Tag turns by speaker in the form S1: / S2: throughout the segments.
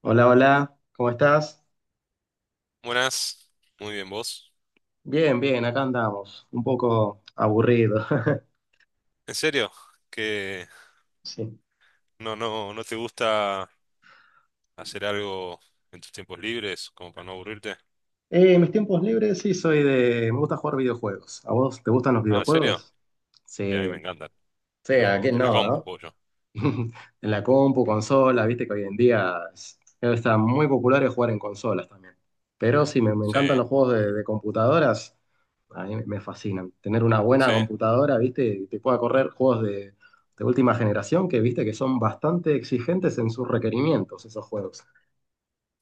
S1: Hola, hola, ¿cómo estás?
S2: Buenas, muy bien vos.
S1: Bien, bien, acá andamos, un poco aburrido.
S2: ¿En serio? ¿Que
S1: Sí.
S2: no te gusta hacer algo en tus tiempos libres como para no aburrirte?
S1: Mis tiempos libres, sí, me gusta jugar videojuegos. ¿A vos te gustan los
S2: Ah, ¿en serio?
S1: videojuegos?
S2: Sí, a mí me
S1: Sí.
S2: encantan.
S1: Sí, ¿a
S2: Lo,
S1: quién
S2: en la
S1: no,
S2: compu,
S1: no?
S2: pollo.
S1: En la compu, consola, viste que hoy en día está muy popular el jugar en consolas también. Pero sí, me
S2: Sí,
S1: encantan los juegos de computadoras, a mí me fascinan. Tener una buena
S2: sí,
S1: computadora, viste, y te pueda correr juegos de última generación, que viste que son bastante exigentes en sus requerimientos, esos juegos.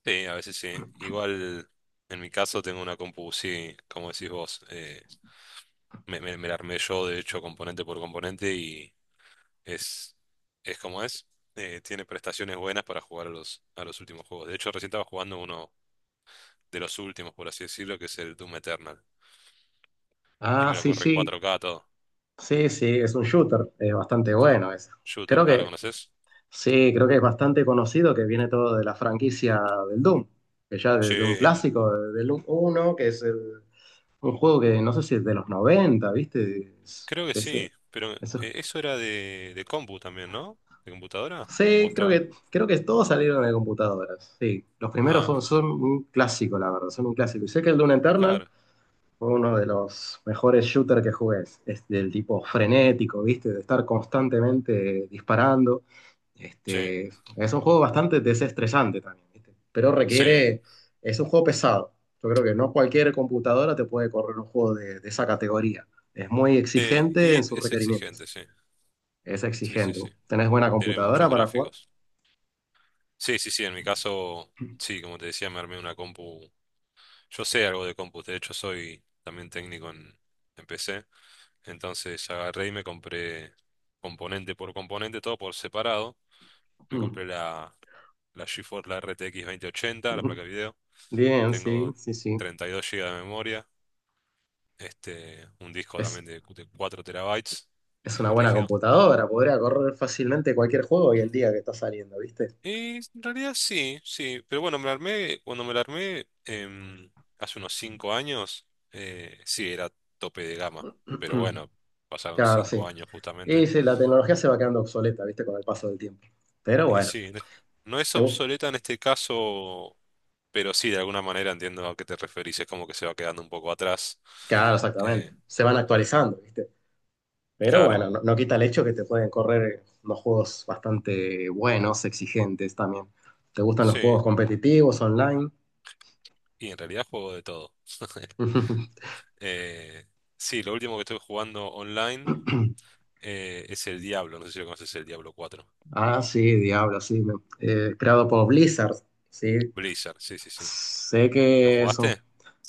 S2: sí, a veces sí. Igual en mi caso tengo una compu, sí, como decís vos, me la armé yo, de hecho, componente por componente y es, es como es. Tiene prestaciones buenas para jugar a los últimos juegos. De hecho, recién estaba jugando uno de los últimos, por así decirlo, que es el Doom Eternal. Y
S1: Ah,
S2: me lo
S1: sí,
S2: corre en
S1: sí,
S2: 4K todo.
S1: sí, sí, es un shooter, es bastante bueno ese.
S2: Shooter.
S1: Creo
S2: Ah, ¿lo
S1: que
S2: conoces?
S1: Sí, creo que es bastante conocido, que viene todo de la franquicia del Doom, que ya
S2: Sí,
S1: desde un clásico, del Doom uno, que es un juego que no sé si es de los 90, ¿viste? Es-
S2: creo que
S1: que
S2: sí.
S1: se-
S2: Pero
S1: eso.
S2: eso era de compu también, ¿no? ¿De computadora? ¿O
S1: Sí, creo
S2: estaban?
S1: que, creo que todos salieron de computadoras. Sí, los primeros
S2: Ah,
S1: son un clásico, la verdad, son un clásico. Y sé que el Doom Eternal
S2: claro.
S1: fue uno de los mejores shooters que jugué. Es del tipo frenético, ¿viste? De estar constantemente disparando.
S2: Sí.
S1: Este, es un juego bastante desestresante también, ¿viste? Pero
S2: Sí.
S1: requiere. Es un juego pesado. Yo creo que no cualquier computadora te puede correr un juego de esa categoría. Es muy exigente
S2: Y
S1: en sus
S2: es
S1: requerimientos.
S2: exigente, sí.
S1: Es
S2: Sí, sí,
S1: exigente.
S2: sí.
S1: ¿Tenés buena
S2: Tiene
S1: computadora
S2: muchos
S1: para jugar?
S2: gráficos. Sí, sí, sí. En mi caso, sí, como te decía, me armé una compu. Yo sé algo de compus, de hecho soy también técnico en PC, entonces agarré y me compré componente por componente, todo por separado. Me compré la, la GeForce, la RTX 2080, la placa de video.
S1: Bien, sí,
S2: Tengo
S1: sí, sí.
S2: 32 GB de memoria, un disco
S1: Es,
S2: también de 4 terabytes,
S1: Es una
S2: disco
S1: buena
S2: rígido.
S1: computadora, podría correr fácilmente cualquier juego hoy en día que está saliendo, ¿viste?
S2: Y en realidad sí, sí, pero bueno, me la armé, cuando me la armé hace unos 5 años, sí, era tope de gama, pero bueno, pasaron
S1: Claro,
S2: cinco
S1: sí.
S2: años
S1: Y
S2: justamente.
S1: sí, la tecnología se va quedando obsoleta, ¿viste? Con el paso del tiempo. Pero
S2: Y
S1: bueno,
S2: sí, no es
S1: te bu-
S2: obsoleta en este caso, pero sí, de alguna manera entiendo a qué te referís, es como que se va quedando un poco atrás.
S1: claro, exactamente.
S2: Eh,
S1: Se van actualizando, ¿viste? Pero
S2: claro,
S1: bueno, no, no quita el hecho que te pueden correr unos juegos bastante buenos, exigentes también. ¿Te gustan los
S2: sí,
S1: juegos competitivos, online?
S2: y en realidad juego de todo. Eh, sí, lo último que estoy jugando online, es el Diablo, no sé si lo conoces, el Diablo 4.
S1: Ah, sí, Diablo, sí. Creado por Blizzard, sí.
S2: Blizzard, sí, sí, sí.
S1: Sé
S2: ¿Lo
S1: que son
S2: jugaste?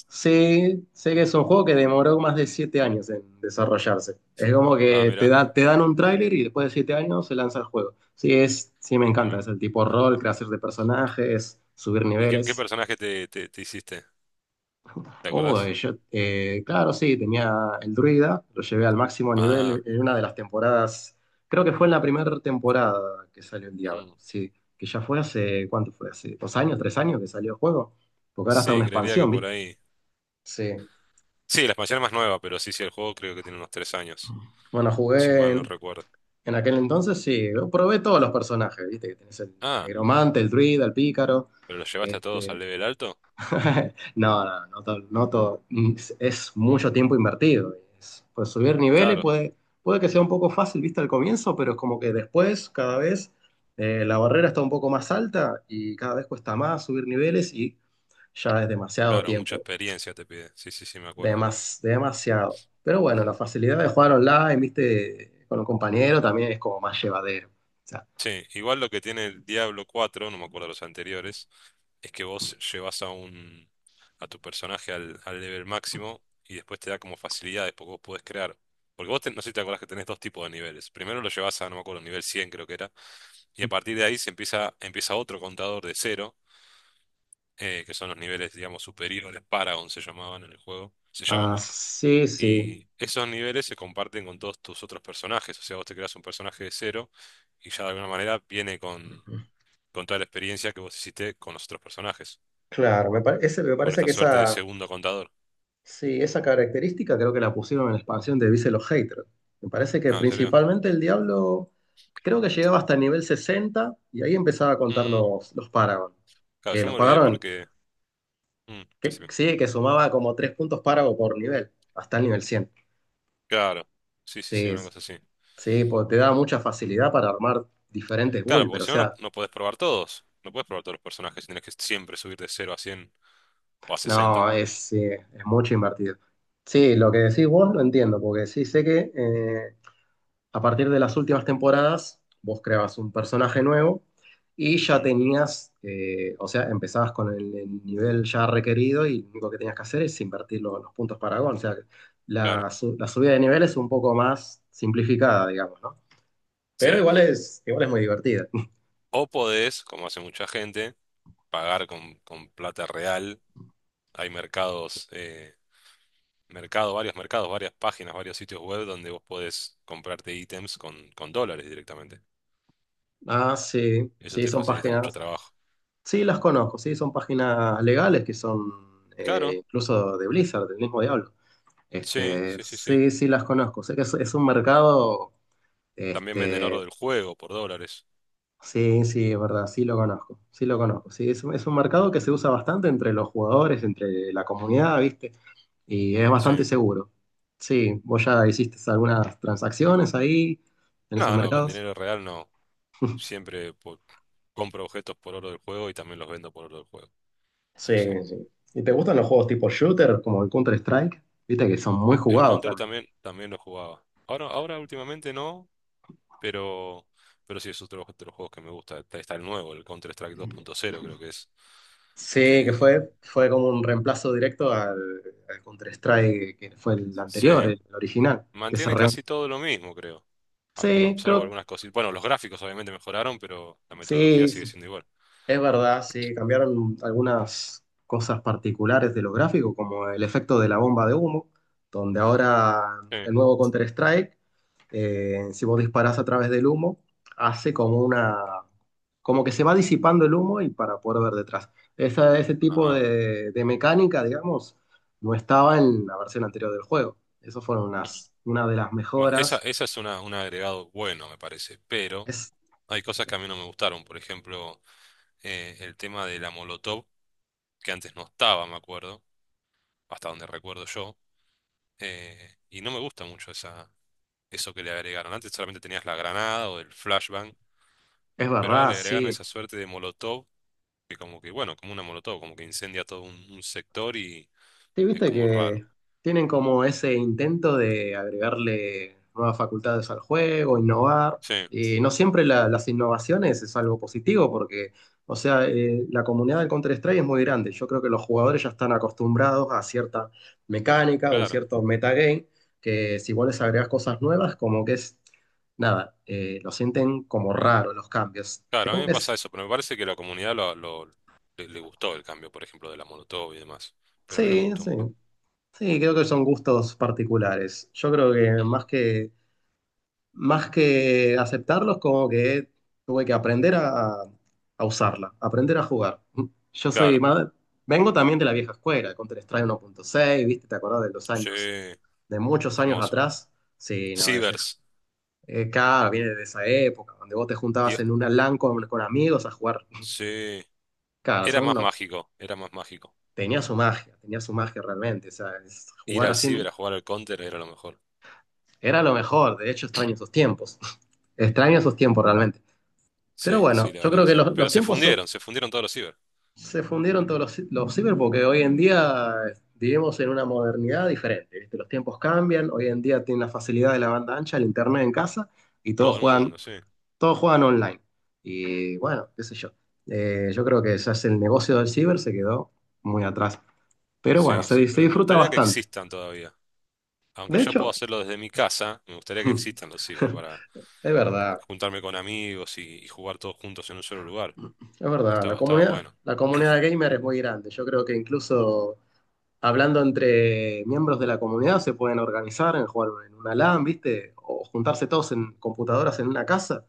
S1: Sí, sé que es un juego que demoró más de 7 años en desarrollarse. Es como
S2: Ah,
S1: que te
S2: mira,
S1: da, te dan un tráiler y después de 7 años se lanza el juego. Sí, es, sí me encanta. Es
S2: tremendo.
S1: el tipo rol, creación de personajes, subir
S2: ¿Y qué, qué
S1: niveles.
S2: personaje te, te, te hiciste? ¿Te
S1: Oh,
S2: acordás?
S1: claro, sí, tenía el druida, lo llevé al máximo
S2: Ah,
S1: nivel en una de las temporadas. Creo que fue en la primera temporada que salió el Diablo.
S2: mm.
S1: Sí, que ya fue hace, ¿cuánto fue? Hace 2 años, 3 años que salió el juego. Porque ahora está
S2: Sí,
S1: una
S2: creería que
S1: expansión,
S2: por
S1: ¿viste?
S2: ahí.
S1: Sí.
S2: Sí, la expansión es más nueva, pero sí, sí, el juego creo que tiene unos 3 años,
S1: Bueno,
S2: si
S1: jugué.
S2: mal no recuerdo.
S1: En aquel entonces sí, yo probé todos los personajes, ¿viste? Que tenés el
S2: Ah,
S1: negromante, el druida, el pícaro.
S2: ¿pero lo llevaste a todos al
S1: Este...
S2: level alto?
S1: no, no, no, es
S2: Mm,
S1: mucho tiempo invertido. Pues subir niveles
S2: claro,
S1: puede que sea un poco fácil, ¿viste? Al comienzo, pero es como que después, cada vez, la barrera está un poco más alta y cada vez cuesta más subir niveles y ya es demasiado
S2: claro, mucha
S1: tiempo.
S2: experiencia te pide. Sí, sí, sí, me acuerdo.
S1: Demasiado. Pero bueno, la facilidad de jugar online, ¿viste? Con un compañero también es como más llevadero.
S2: Sí, igual lo que tiene el Diablo 4, no me acuerdo los anteriores, es que vos llevas a un, a tu personaje al, al nivel máximo y después te da como facilidades porque vos podés crear. Porque vos no sé si te acordás que tenés dos tipos de niveles. Primero lo llevas a, no me acuerdo, nivel 100 creo que era, y a partir de ahí empieza otro contador de cero, que son los niveles, digamos, superiores, Paragon se llamaban en el juego, se llaman
S1: Ah,
S2: más.
S1: sí, sí.
S2: Y esos niveles se comparten con todos tus otros personajes, o sea, vos te creas un personaje de cero y ya de alguna manera viene con toda la experiencia que vos hiciste con los otros personajes,
S1: Claro, me
S2: con
S1: parece
S2: esta
S1: que
S2: suerte de
S1: esa,
S2: segundo contador.
S1: sí, esa característica creo que la pusieron en la expansión de Vice los Haters. Me parece que
S2: Ah, ¿en serio?
S1: principalmente el Diablo creo que llegaba hasta el nivel 60 y ahí empezaba a contar
S2: Mm,
S1: los Paragon.
S2: claro,
S1: Que
S2: yo
S1: los
S2: me olvidé
S1: pagaron,
S2: porque... mm,
S1: que,
S2: decime.
S1: sí, que sumaba como 3 puntos Paragon por nivel, hasta el nivel 100.
S2: Claro, sí, sí,
S1: Sí,
S2: sí, una cosa así.
S1: sí, porque te da mucha facilidad para armar diferentes
S2: Claro,
S1: builds,
S2: porque
S1: pero o
S2: si no,
S1: sea,
S2: no podés probar todos, no podés probar todos los personajes, tenés que siempre subir de 0 a 100 o a 60.
S1: no, es, sí, es mucho invertido. Sí, lo que decís vos lo entiendo, porque sí sé que a partir de las últimas temporadas vos creabas un personaje nuevo y ya
S2: Mm,
S1: tenías, o sea, empezabas con el nivel ya requerido y lo único que tenías que hacer es invertir los puntos Paragon. O sea,
S2: claro,
S1: la subida de nivel es un poco más simplificada, digamos, ¿no? Pero
S2: sí.
S1: igual es muy divertida.
S2: O podés, como hace mucha gente, pagar con plata real. Hay mercados... mercado, varios mercados, varias páginas, varios sitios web donde vos podés comprarte ítems con dólares directamente.
S1: Ah, sí,
S2: Eso
S1: sí,
S2: te
S1: son
S2: facilita mucho
S1: páginas.
S2: trabajo.
S1: Sí, las conozco, sí, son páginas legales que son
S2: Claro,
S1: incluso de Blizzard, del mismo diablo.
S2: sí,
S1: Este,
S2: sí, sí, sí.
S1: sí, sí, las conozco. Sé que es un mercado,
S2: También venden oro
S1: este,
S2: del juego por dólares.
S1: sí, sí, es verdad, sí lo conozco, sí lo conozco. Sí, es un
S2: Mm,
S1: mercado que se usa bastante entre los jugadores, entre la comunidad, ¿viste? Y es
S2: sí.
S1: bastante seguro. Sí, vos ya hiciste algunas transacciones ahí, en esos
S2: No, no, con
S1: mercados.
S2: dinero real no. Siempre po- compro objetos por oro del juego y también los vendo por oro del juego.
S1: Sí,
S2: Sí, sí.
S1: sí. ¿Y te gustan los juegos tipo shooter, como el Counter-Strike? Viste que son muy
S2: El
S1: jugados.
S2: Counter también, también lo jugaba. Ahora, ahora últimamente no, pero, pero sí es otro, otro de los juegos que me gusta. Está, está el nuevo, el Counter-Strike 2.0 creo que es.
S1: Sí, que
S2: Que
S1: fue como un reemplazo directo al Counter-Strike que fue el
S2: sí.
S1: anterior, el original.
S2: Mantiene casi todo lo mismo, creo. Ah,
S1: Sí,
S2: salvo
S1: creo,
S2: algunas cositas. Bueno, los gráficos obviamente mejoraron, pero la metodología
S1: sí,
S2: sigue siendo igual.
S1: es verdad, sí, cambiaron algunas cosas particulares de los gráficos, como el efecto de la bomba de humo, donde ahora
S2: Sí.
S1: el nuevo Counter-Strike, si vos disparás a través del humo, hace como una, como que se va disipando el humo y para poder ver detrás. Ese tipo
S2: Ajá.
S1: de mecánica, digamos, no estaba en la versión anterior del juego. Eso fueron una de las
S2: Bueno, esa,
S1: mejoras.
S2: esa es una, un agregado bueno, me parece, pero
S1: Es,
S2: hay cosas que a mí no me gustaron. Por ejemplo, el tema de la Molotov, que antes no estaba, me acuerdo, hasta donde recuerdo yo. Y no me gusta mucho esa, eso que le agregaron. Antes solamente tenías la granada o el flashbang,
S1: es
S2: pero ahora
S1: verdad,
S2: le agregaron
S1: sí.
S2: esa suerte de Molotov, que como que, bueno, como una Molotov, como que incendia todo un sector y
S1: Sí,
S2: es
S1: viste
S2: como raro.
S1: que tienen como ese intento de agregarle nuevas facultades al juego, innovar.
S2: Sí,
S1: No siempre las innovaciones es algo positivo porque, o sea, la comunidad del Counter-Strike es muy grande. Yo creo que los jugadores ya están acostumbrados a cierta mecánica, un
S2: claro.
S1: cierto metagame, que si vos les agregás cosas nuevas, como que es, nada, lo sienten como raro los cambios. Es
S2: Claro, a mí
S1: como
S2: me
S1: que
S2: pasa
S1: es,
S2: eso, pero me parece que la comunidad le gustó el cambio, por ejemplo, de la Molotov y demás. Pero a mí no me
S1: sí,
S2: gustó
S1: sí.
S2: mucho.
S1: Sí, creo que son gustos particulares. Yo creo que
S2: Mm,
S1: más que aceptarlos, como que tuve que aprender a usarla, aprender a jugar. Yo soy
S2: claro,
S1: más, vengo también de la vieja escuela, Counter-Strike 1.6, ¿viste? ¿Te acordás de los
S2: sí,
S1: años, de muchos años
S2: hermoso.
S1: atrás? Sí, no, a veces.
S2: Cibers.
S1: Claro, viene de esa época, donde vos te juntabas
S2: y-
S1: en una LAN con amigos a jugar.
S2: sí,
S1: Claro,
S2: era
S1: son
S2: más
S1: unos,
S2: mágico, era más mágico.
S1: tenía su magia realmente. O sea,
S2: Ir
S1: jugar
S2: al
S1: así
S2: ciber a jugar al Counter era lo mejor.
S1: era lo mejor. De hecho, extraño esos tiempos. Extraño esos tiempos realmente. Pero
S2: Sí, sí,
S1: bueno,
S2: la
S1: yo
S2: verdad
S1: creo
S2: que
S1: que
S2: sí. Pero se fundieron todos los ciber.
S1: se fundieron todos los ciber porque hoy en día vivimos en una modernidad diferente, ¿viste? Los tiempos cambian, hoy en día tienen la facilidad de la banda ancha, el internet en casa y
S2: Todo el mundo, sí.
S1: todos juegan online. Y bueno, qué sé yo. Yo creo que ya es el negocio del ciber se quedó muy atrás. Pero bueno,
S2: Sí, sí,
S1: se
S2: pero me
S1: disfruta
S2: gustaría que
S1: bastante.
S2: existan todavía. Aunque
S1: De
S2: yo puedo
S1: hecho,
S2: hacerlo desde mi casa, me gustaría que existan los ciber,
S1: es verdad,
S2: juntarme con amigos y jugar todos juntos en un solo lugar.
S1: es verdad,
S2: Estaba, estaba bueno.
S1: la comunidad gamer es muy grande. Yo creo que incluso hablando entre miembros de la comunidad, se pueden organizar en jugar en una LAN, ¿viste? O juntarse todos en computadoras en una casa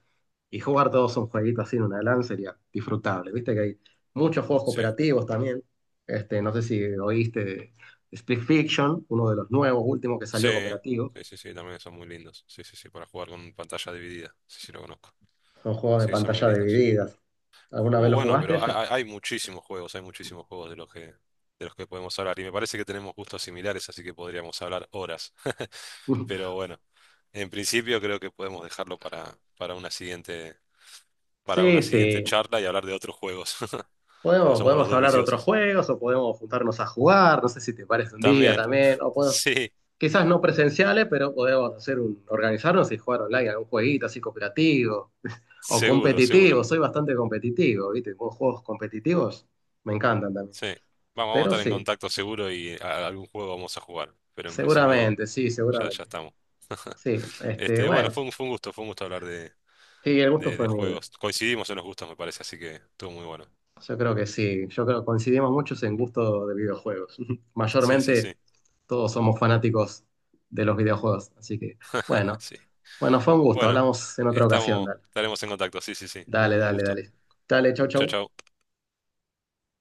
S1: y jugar todos un jueguito así en una LAN sería disfrutable, ¿viste? Que hay muchos juegos
S2: Sí,
S1: cooperativos también. Este, no sé si oíste de Split Fiction, uno de los nuevos, últimos que
S2: sí,
S1: salió cooperativo.
S2: sí, sí, sí, también son muy lindos. Sí, sí, sí, para jugar con pantalla dividida. Sí, sí, lo conozco.
S1: Son juegos de
S2: Sí, son muy
S1: pantalla
S2: lindos.
S1: divididas. ¿Alguna vez lo
S2: Bueno,
S1: jugaste
S2: pero hay,
S1: ese?
S2: hay muchísimos juegos de los que podemos hablar. Y me parece que tenemos gustos similares, así que podríamos hablar horas. Pero bueno, en principio creo que podemos dejarlo para
S1: Sí,
S2: una siguiente
S1: sí.
S2: charla y hablar de otros juegos. Porque
S1: Podemos,
S2: somos los
S1: podemos
S2: dos
S1: hablar de otros
S2: viciosos.
S1: juegos o podemos juntarnos a jugar, no sé si te parece un día
S2: También.
S1: también, o podemos,
S2: Sí,
S1: quizás no presenciales, pero podemos hacer un, organizarnos y jugar online, algún jueguito así cooperativo o
S2: seguro, seguro.
S1: competitivo. Soy bastante competitivo, ¿viste? Con juegos competitivos me encantan también.
S2: Sí. Vamos, vamos a
S1: Pero
S2: estar en
S1: sí,
S2: contacto seguro algún juego vamos a jugar. Pero en principio
S1: seguramente, sí,
S2: ya, ya
S1: seguramente.
S2: estamos.
S1: Sí, este,
S2: Este, bueno,
S1: bueno,
S2: fue un gusto hablar
S1: sí, el gusto
S2: de
S1: fue mío.
S2: juegos. Coincidimos en los gustos, me parece, así que estuvo muy bueno.
S1: Yo creo que sí, yo creo que coincidimos muchos en gusto de videojuegos.
S2: Sí, sí, sí.
S1: Mayormente todos somos fanáticos de los videojuegos, así que bueno,
S2: Sí.
S1: bueno, fue un gusto,
S2: Bueno,
S1: hablamos en otra ocasión,
S2: estamos,
S1: dale.
S2: estaremos en contacto. Sí, sí, sí.
S1: Dale,
S2: Un
S1: dale,
S2: gusto.
S1: dale. Dale, chau,
S2: Chau,
S1: chau.
S2: chau.